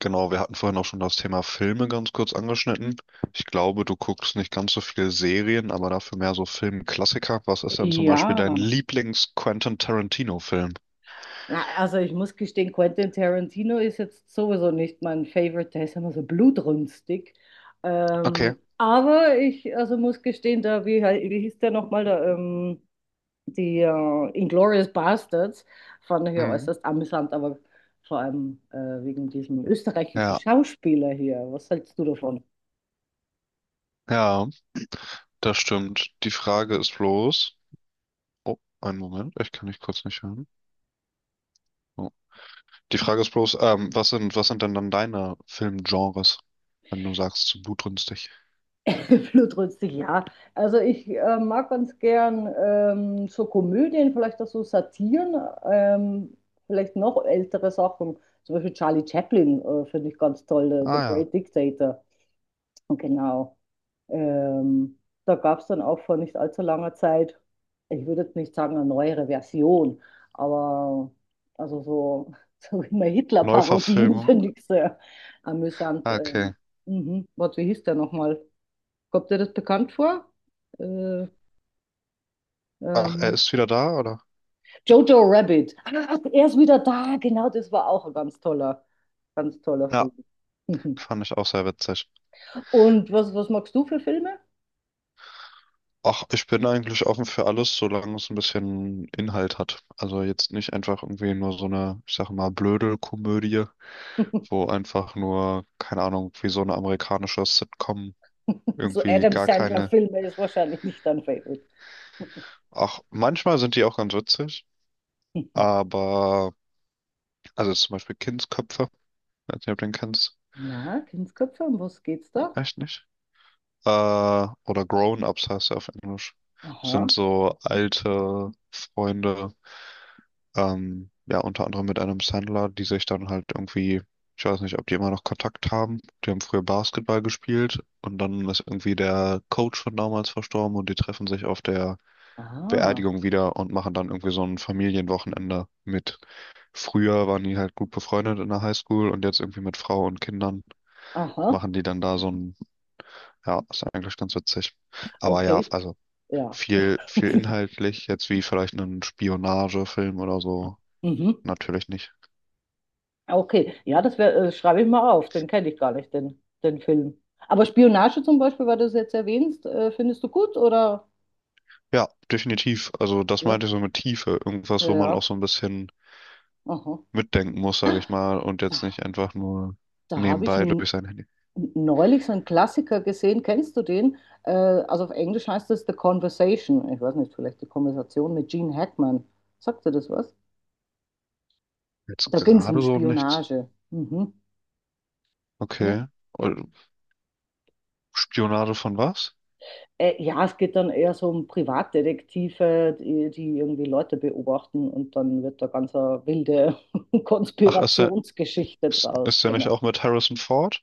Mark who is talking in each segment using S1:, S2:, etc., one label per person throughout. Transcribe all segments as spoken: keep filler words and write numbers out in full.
S1: Genau, wir hatten vorhin auch schon das Thema Filme ganz kurz angeschnitten. Ich glaube, du guckst nicht ganz so viele Serien, aber dafür mehr so Filmklassiker. Was ist denn zum Beispiel
S2: Ja,
S1: dein Lieblings-Quentin Tarantino-Film?
S2: na, also ich muss gestehen, Quentin Tarantino ist jetzt sowieso nicht mein Favorite, der ist immer so blutrünstig.
S1: Okay.
S2: Ähm, aber ich also muss gestehen, da, wie, hei- wie hieß der nochmal, da, ähm, die äh, Inglourious Basterds, fand ich ja
S1: Mhm.
S2: äußerst amüsant, aber vor allem äh, wegen diesem österreichischen
S1: Ja,
S2: Schauspieler hier. Was hältst du davon?
S1: ja, das stimmt. Die Frage ist bloß. Oh, einen Moment, ich kann dich kurz nicht hören. Oh. Die Frage ist bloß, ähm, was sind, was sind denn dann deine Filmgenres, wenn du sagst, zu blutrünstig?
S2: Blutrünstig, ja. Also ich äh, mag ganz gern ähm, so Komödien, vielleicht auch so Satiren, ähm, vielleicht noch ältere Sachen. Zum Beispiel Charlie Chaplin äh, finde ich ganz toll, äh, The
S1: Ah ja.
S2: Great Dictator. Und genau. Ähm, Da gab es dann auch vor nicht allzu langer Zeit, ich würde jetzt nicht sagen eine neuere Version, aber also so, so immer Hitler-Parodien
S1: Neuverfilmung.
S2: finde ich sehr amüsant.
S1: Ah,
S2: Ähm,
S1: okay.
S2: mhm. Warte, wie hieß der nochmal? Kommt dir das bekannt vor? Äh,
S1: Ach, er
S2: ähm,
S1: ist wieder da, oder?
S2: Jojo Rabbit. Ach, er ist wieder da. Genau, das war auch ein ganz toller, ganz toller
S1: Ja,
S2: Film.
S1: fand ich auch sehr witzig.
S2: Und was, was magst du für Filme?
S1: Ach, ich bin eigentlich offen für alles, solange es ein bisschen Inhalt hat. Also jetzt nicht einfach irgendwie nur so eine, ich sag mal, blöde Komödie, wo einfach nur, keine Ahnung, wie so eine amerikanische Sitcom
S2: So
S1: irgendwie
S2: Adam
S1: gar keine.
S2: Sandler-Filme ist wahrscheinlich nicht dein Favorite.
S1: Ach, manchmal sind die auch ganz witzig, aber, also zum Beispiel Kindsköpfe, ich weiß nicht, ob du den kennst.
S2: Na, Kindsköpfe, um was geht's da?
S1: Echt nicht? Äh, oder Grown-Ups heißt er auf Englisch. Sind
S2: Aha,
S1: so alte Freunde. Ähm, ja, unter anderem mit einem Sandler, die sich dann halt irgendwie, ich weiß nicht, ob die immer noch Kontakt haben. Die haben früher Basketball gespielt und dann ist irgendwie der Coach von damals verstorben und die treffen sich auf der
S2: ah,
S1: Beerdigung wieder und machen dann irgendwie so ein Familienwochenende mit. Früher waren die halt gut befreundet in der Highschool und jetzt irgendwie mit Frau und Kindern
S2: aha,
S1: machen die dann da so ein, ja, ist eigentlich ganz witzig. Aber ja,
S2: okay,
S1: also
S2: ja.
S1: viel, viel inhaltlich, jetzt wie vielleicht einen Spionagefilm oder so,
S2: Mhm.
S1: natürlich nicht.
S2: Ah, okay, ja, das wär, äh, schreibe ich mal auf, den kenne ich gar nicht, den, den Film. Aber Spionage zum Beispiel, weil du es jetzt erwähnst, äh, findest du gut oder?
S1: Ja, definitiv. Also das
S2: Ja,
S1: meinte ich so mit Tiefe.
S2: ja,
S1: Irgendwas, wo man auch
S2: ja.
S1: so ein bisschen
S2: Aha.
S1: mitdenken muss, sage ich mal, und jetzt
S2: Da,
S1: nicht einfach nur
S2: habe ich
S1: nebenbei
S2: n-
S1: durch sein Handy.
S2: neulich so einen Klassiker gesehen, kennst du den? Äh, also auf Englisch heißt das The Conversation, ich weiß nicht, vielleicht die Konversation mit Gene Hackman. Sagt dir das was?
S1: Jetzt
S2: Da ging es um
S1: gerade so nichts.
S2: Spionage. Mhm. Ne?
S1: Okay. Und Spionage von was?
S2: Äh, ja, es geht dann eher so um Privatdetektive, die, die irgendwie Leute beobachten und dann wird da ganz eine wilde
S1: Ach, ist der,
S2: Konspirationsgeschichte
S1: ist,
S2: draus,
S1: ist der nicht
S2: genau.
S1: auch mit Harrison Ford?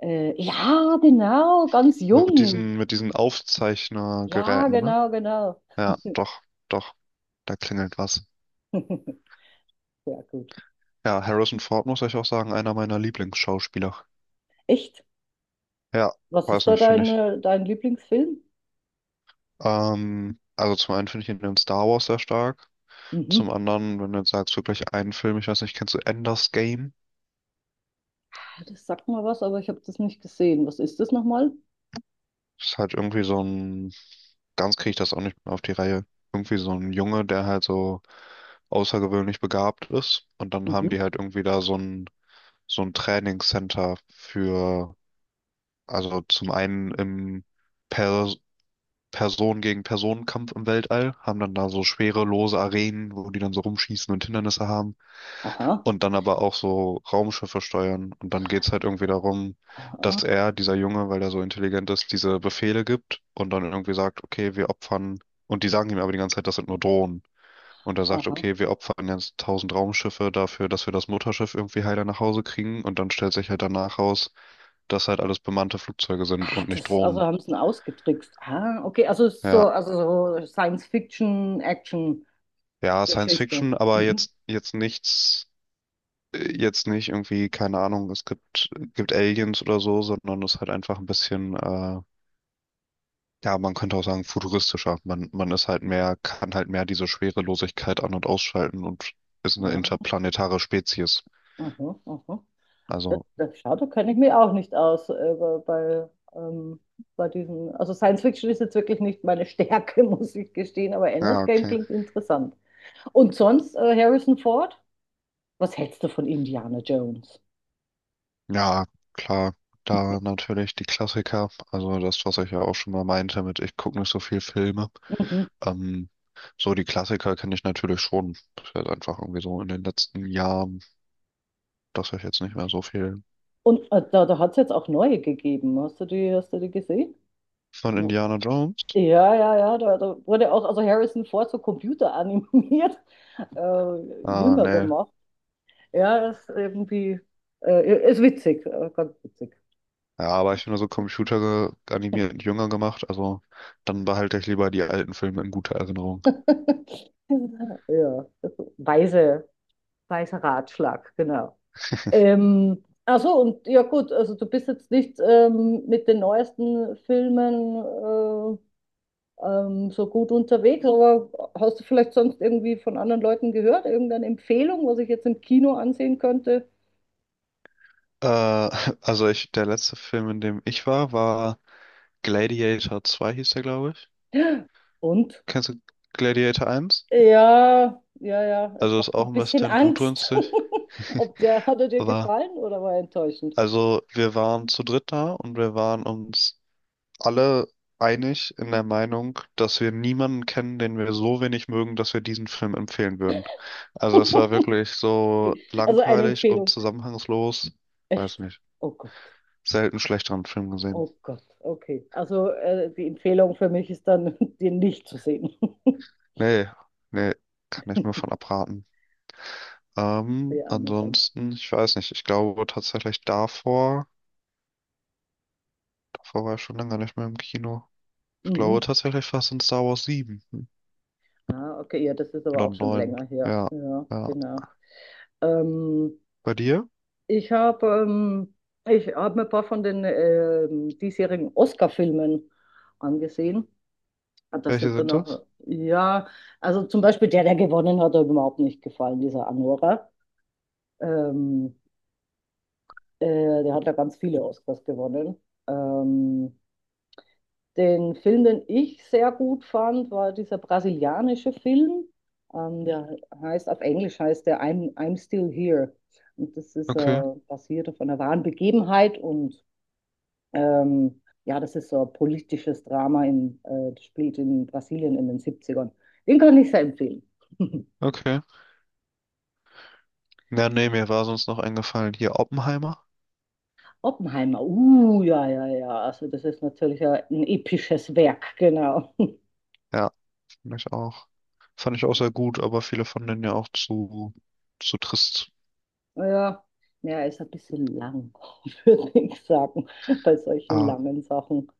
S2: Äh, ja, genau, ganz
S1: Mit
S2: jung.
S1: diesen, mit diesen
S2: Ja,
S1: Aufzeichnergeräten, ne?
S2: genau, genau.
S1: Ja, doch, doch, da klingelt was.
S2: Sehr gut.
S1: Ja, Harrison Ford muss ich auch sagen, einer meiner Lieblingsschauspieler.
S2: Echt?
S1: Ja,
S2: Was
S1: weiß
S2: ist da
S1: nicht, finde
S2: dein,
S1: ich.
S2: äh, dein Lieblingsfilm?
S1: Ähm, also zum einen finde ich ihn in Star Wars sehr stark.
S2: Mhm.
S1: Zum anderen, wenn du jetzt sagst, wirklich einen Film, ich weiß nicht, kennst du Ender's Game?
S2: Das sagt mir was, aber ich habe das nicht gesehen. Was ist das nochmal?
S1: Ist halt irgendwie so ein, ganz kriege ich das auch nicht mehr auf die Reihe. Irgendwie so ein Junge, der halt so außergewöhnlich begabt ist. Und dann
S2: Mhm.
S1: haben die halt irgendwie da so ein, so ein Trainingscenter für, also zum einen im Per Person gegen Personenkampf im Weltall, haben dann da so schwere, lose Arenen, wo die dann so rumschießen und Hindernisse haben.
S2: Aha,
S1: Und dann aber auch so Raumschiffe steuern. Und dann geht's halt irgendwie darum,
S2: aha,
S1: dass er, dieser Junge, weil er so intelligent ist, diese Befehle gibt und dann irgendwie sagt, okay, wir opfern. Und die sagen ihm aber die ganze Zeit, das sind nur Drohnen. Und er sagt,
S2: aha.
S1: okay, wir opfern jetzt tausend Raumschiffe dafür, dass wir das Mutterschiff irgendwie heiler nach Hause kriegen. Und dann stellt sich halt danach raus, dass halt alles bemannte Flugzeuge sind
S2: Ah,
S1: und nicht
S2: das, also
S1: Drohnen.
S2: haben sie ihn ausgetrickst. Ah, okay, also es ist so,
S1: Ja.
S2: also so Science-Fiction-Action-Geschichte.
S1: Ja, Science Fiction, aber
S2: Mhm.
S1: jetzt, jetzt nichts. Jetzt nicht irgendwie, keine Ahnung, es gibt, gibt Aliens oder so, sondern es ist halt einfach ein bisschen, äh, ja, man könnte auch sagen, futuristischer. Man, man ist halt mehr, kann halt mehr diese Schwerelosigkeit an- und ausschalten und ist eine
S2: Ah,
S1: interplanetare Spezies.
S2: aha, aha. Das,
S1: Also,
S2: das, schau, da kenne ich mich auch nicht aus äh, bei, bei, ähm, bei diesen. Also Science-Fiction ist jetzt wirklich nicht meine Stärke, muss ich gestehen, aber
S1: ja,
S2: Ender's Game
S1: okay.
S2: klingt interessant. Und sonst äh, Harrison Ford? Was hältst du von Indiana Jones?
S1: Ja, klar. Da natürlich die Klassiker, also das, was ich ja auch schon mal meinte mit, ich gucke nicht so viel Filme.
S2: Mhm.
S1: Ähm, so die Klassiker kenne ich natürlich schon. Das ist jetzt einfach irgendwie so in den letzten Jahren, dass ich jetzt nicht mehr so viel.
S2: Und äh, da, da hat es jetzt auch neue gegeben. Hast du die, hast du die gesehen?
S1: Von Indiana Jones?
S2: Ja, ja, ja, da, da wurde auch also Harrison Ford so computeranimiert, äh,
S1: Ah,
S2: jünger
S1: nee.
S2: gemacht. Ja, ist irgendwie, äh, ist witzig, äh, ganz witzig.
S1: Ja, aber ich finde so Computer ge- animiert jünger gemacht, also dann behalte ich lieber die alten Filme in guter Erinnerung.
S2: Ja, weise, weiser Ratschlag, genau. Ähm, ach so, und ja gut, also du bist jetzt nicht ähm, mit den neuesten Filmen äh, ähm, so gut unterwegs, aber hast du vielleicht sonst irgendwie von anderen Leuten gehört, irgendeine Empfehlung, was ich jetzt im Kino ansehen könnte?
S1: Äh, also ich, der letzte Film, in dem ich war, war Gladiator zwei hieß der, glaube ich.
S2: Und?
S1: Kennst du Gladiator eins?
S2: Ja, ja, ja, es
S1: Also ist
S2: macht mir
S1: auch
S2: ein
S1: ein
S2: bisschen
S1: bisschen
S2: Angst.
S1: blutrünstig.
S2: Ob der, hat er dir
S1: Aber,
S2: gefallen oder war er enttäuschend?
S1: also wir waren zu dritt da und wir waren uns alle einig in der Meinung, dass wir niemanden kennen, den wir so wenig mögen, dass wir diesen Film empfehlen würden. Also es war wirklich so
S2: Also eine
S1: langweilig und
S2: Empfehlung.
S1: zusammenhangslos. Weiß
S2: Echt?
S1: nicht.
S2: Oh Gott,
S1: Selten schlechteren Film gesehen.
S2: oh Gott, okay. Also äh, die Empfehlung für mich ist dann, den nicht zu sehen.
S1: Nee, nee, kann ich nur von abraten. Ähm,
S2: Sehr amüsant.
S1: ansonsten, ich weiß nicht, ich glaube tatsächlich davor, davor, war ich schon lange nicht mehr im Kino. Ich glaube
S2: Mhm.
S1: tatsächlich fast in Star Wars sieben
S2: Ah, okay, ja, das ist aber
S1: oder
S2: auch schon
S1: neun.
S2: länger her.
S1: Ja,
S2: Ja,
S1: ja.
S2: genau. Ähm,
S1: Bei dir?
S2: ich habe ähm, ich hab mir ein paar von den ähm, diesjährigen Oscar-Filmen angesehen. Ah, das
S1: Welche
S2: sind dann
S1: sind das?
S2: auch, ja, also zum Beispiel der, der gewonnen hat, hat mir überhaupt nicht gefallen, dieser Anora. Ähm, äh, der hat ja ganz viele Oscars gewonnen. Ähm, den Film, den ich sehr gut fand, war dieser brasilianische Film. Ähm, der heißt, auf Englisch heißt der I'm, I'm Still Here. Und das ist
S1: Okay,
S2: äh, basiert auf einer wahren Begebenheit und ähm, ja, das ist so ein politisches Drama in, äh, das spielt in Brasilien in den Siebzigern. Den kann ich sehr empfehlen.
S1: okay. Ja, nee, mir war sonst noch eingefallen. Hier Oppenheimer.
S2: Oppenheimer, uh, ja, ja, ja. Also das ist natürlich ein ein episches Werk, genau.
S1: Ja, fand ich auch. Fand ich auch sehr gut, aber viele fanden den ja auch zu, zu trist.
S2: Ja, ja, ist ein bisschen lang, würde ich sagen, bei solchen
S1: Ah,
S2: langen Sachen.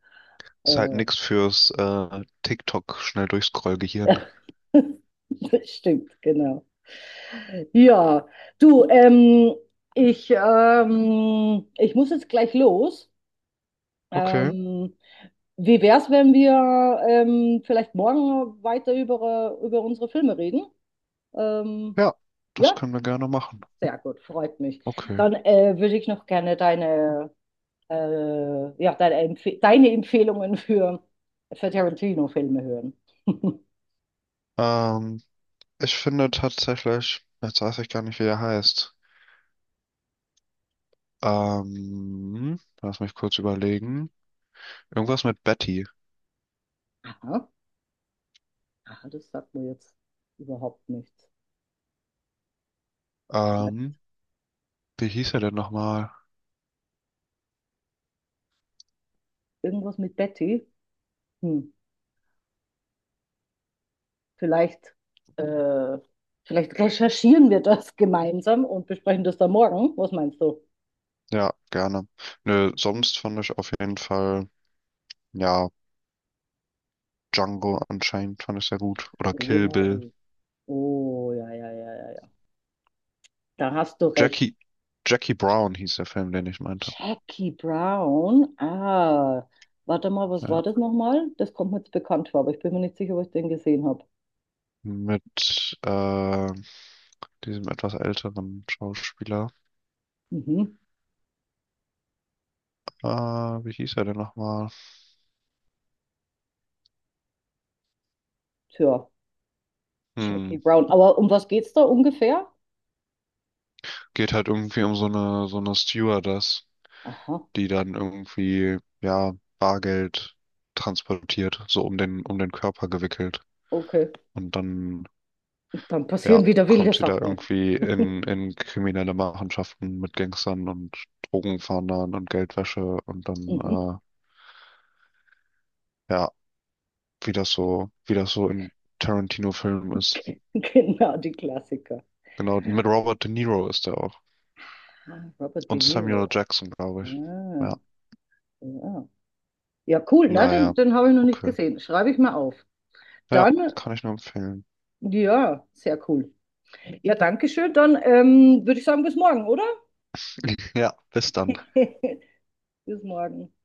S1: ist halt
S2: Äh,
S1: nix fürs äh, TikTok schnell durchscrollgehirn.
S2: das stimmt, genau. Ja, du, ähm, ich, ähm, ich muss jetzt gleich los.
S1: Okay,
S2: Ähm, wie wär's, wenn wir ähm, vielleicht morgen weiter über, äh, über unsere Filme reden? Ähm,
S1: ja, das
S2: ja.
S1: können wir gerne machen.
S2: Sehr gut, freut mich.
S1: Okay.
S2: Dann äh, würde ich noch gerne deine, äh, ja, deine, Empfe deine Empfehlungen für, für Tarantino-Filme hören.
S1: Ähm, Ich finde tatsächlich, jetzt weiß ich gar nicht, wie er heißt. Ähm, lass mich kurz überlegen. Irgendwas mit Betty.
S2: Aha, aha, das sagt mir jetzt überhaupt nichts. Vielleicht
S1: Ähm, Wie hieß er denn nochmal?
S2: irgendwas mit Betty? Hm, vielleicht, äh, vielleicht recherchieren wir das gemeinsam und besprechen das dann morgen. Was meinst du?
S1: Ja, gerne. Nö, sonst fand ich auf jeden Fall. Ja, Django anscheinend fand ich sehr gut. Oder Kill Bill.
S2: Oh, oh, ja, ja, ja, ja, ja. Da hast du recht.
S1: Jackie, Jackie Brown hieß der Film, den ich meinte.
S2: Jackie Brown. Ah, warte mal, was
S1: Ja.
S2: war das nochmal? Das kommt mir jetzt bekannt vor, aber ich bin mir nicht sicher, ob ich den gesehen habe.
S1: Mit äh, diesem etwas älteren Schauspieler.
S2: Mhm.
S1: Äh, wie hieß er denn nochmal?
S2: Tja,
S1: Hm.
S2: Jackie Brown. Aber um was geht's da ungefähr?
S1: Geht halt irgendwie um so eine, so eine Stewardess,
S2: Aha,
S1: die dann irgendwie, ja, Bargeld transportiert, so um den, um den Körper gewickelt.
S2: okay.
S1: Und dann
S2: Und dann
S1: ja,
S2: passieren wieder wilde
S1: kommt sie da
S2: Sachen.
S1: irgendwie in, in, kriminelle Machenschaften mit Gangstern und Drogenfahndern und Geldwäsche und
S2: Mhm.
S1: dann, äh, ja, wie das so, wie das so in Tarantino-Filmen ist.
S2: Genau, die Klassiker.
S1: Genau, mit Robert De Niro ist er auch.
S2: Ah, Robert De
S1: Und Samuel
S2: Niro.
S1: Jackson, glaube ich.
S2: Ah,
S1: Ja,
S2: ja. Ja, cool, ne? Den,
S1: naja,
S2: den habe ich noch nicht
S1: okay.
S2: gesehen. Schreibe ich mal auf.
S1: Ja,
S2: Dann,
S1: kann ich nur empfehlen.
S2: ja, sehr cool. Ja, danke schön. Dann ähm, würde ich sagen, bis morgen, oder?
S1: Ja, bis dann.
S2: Bis morgen.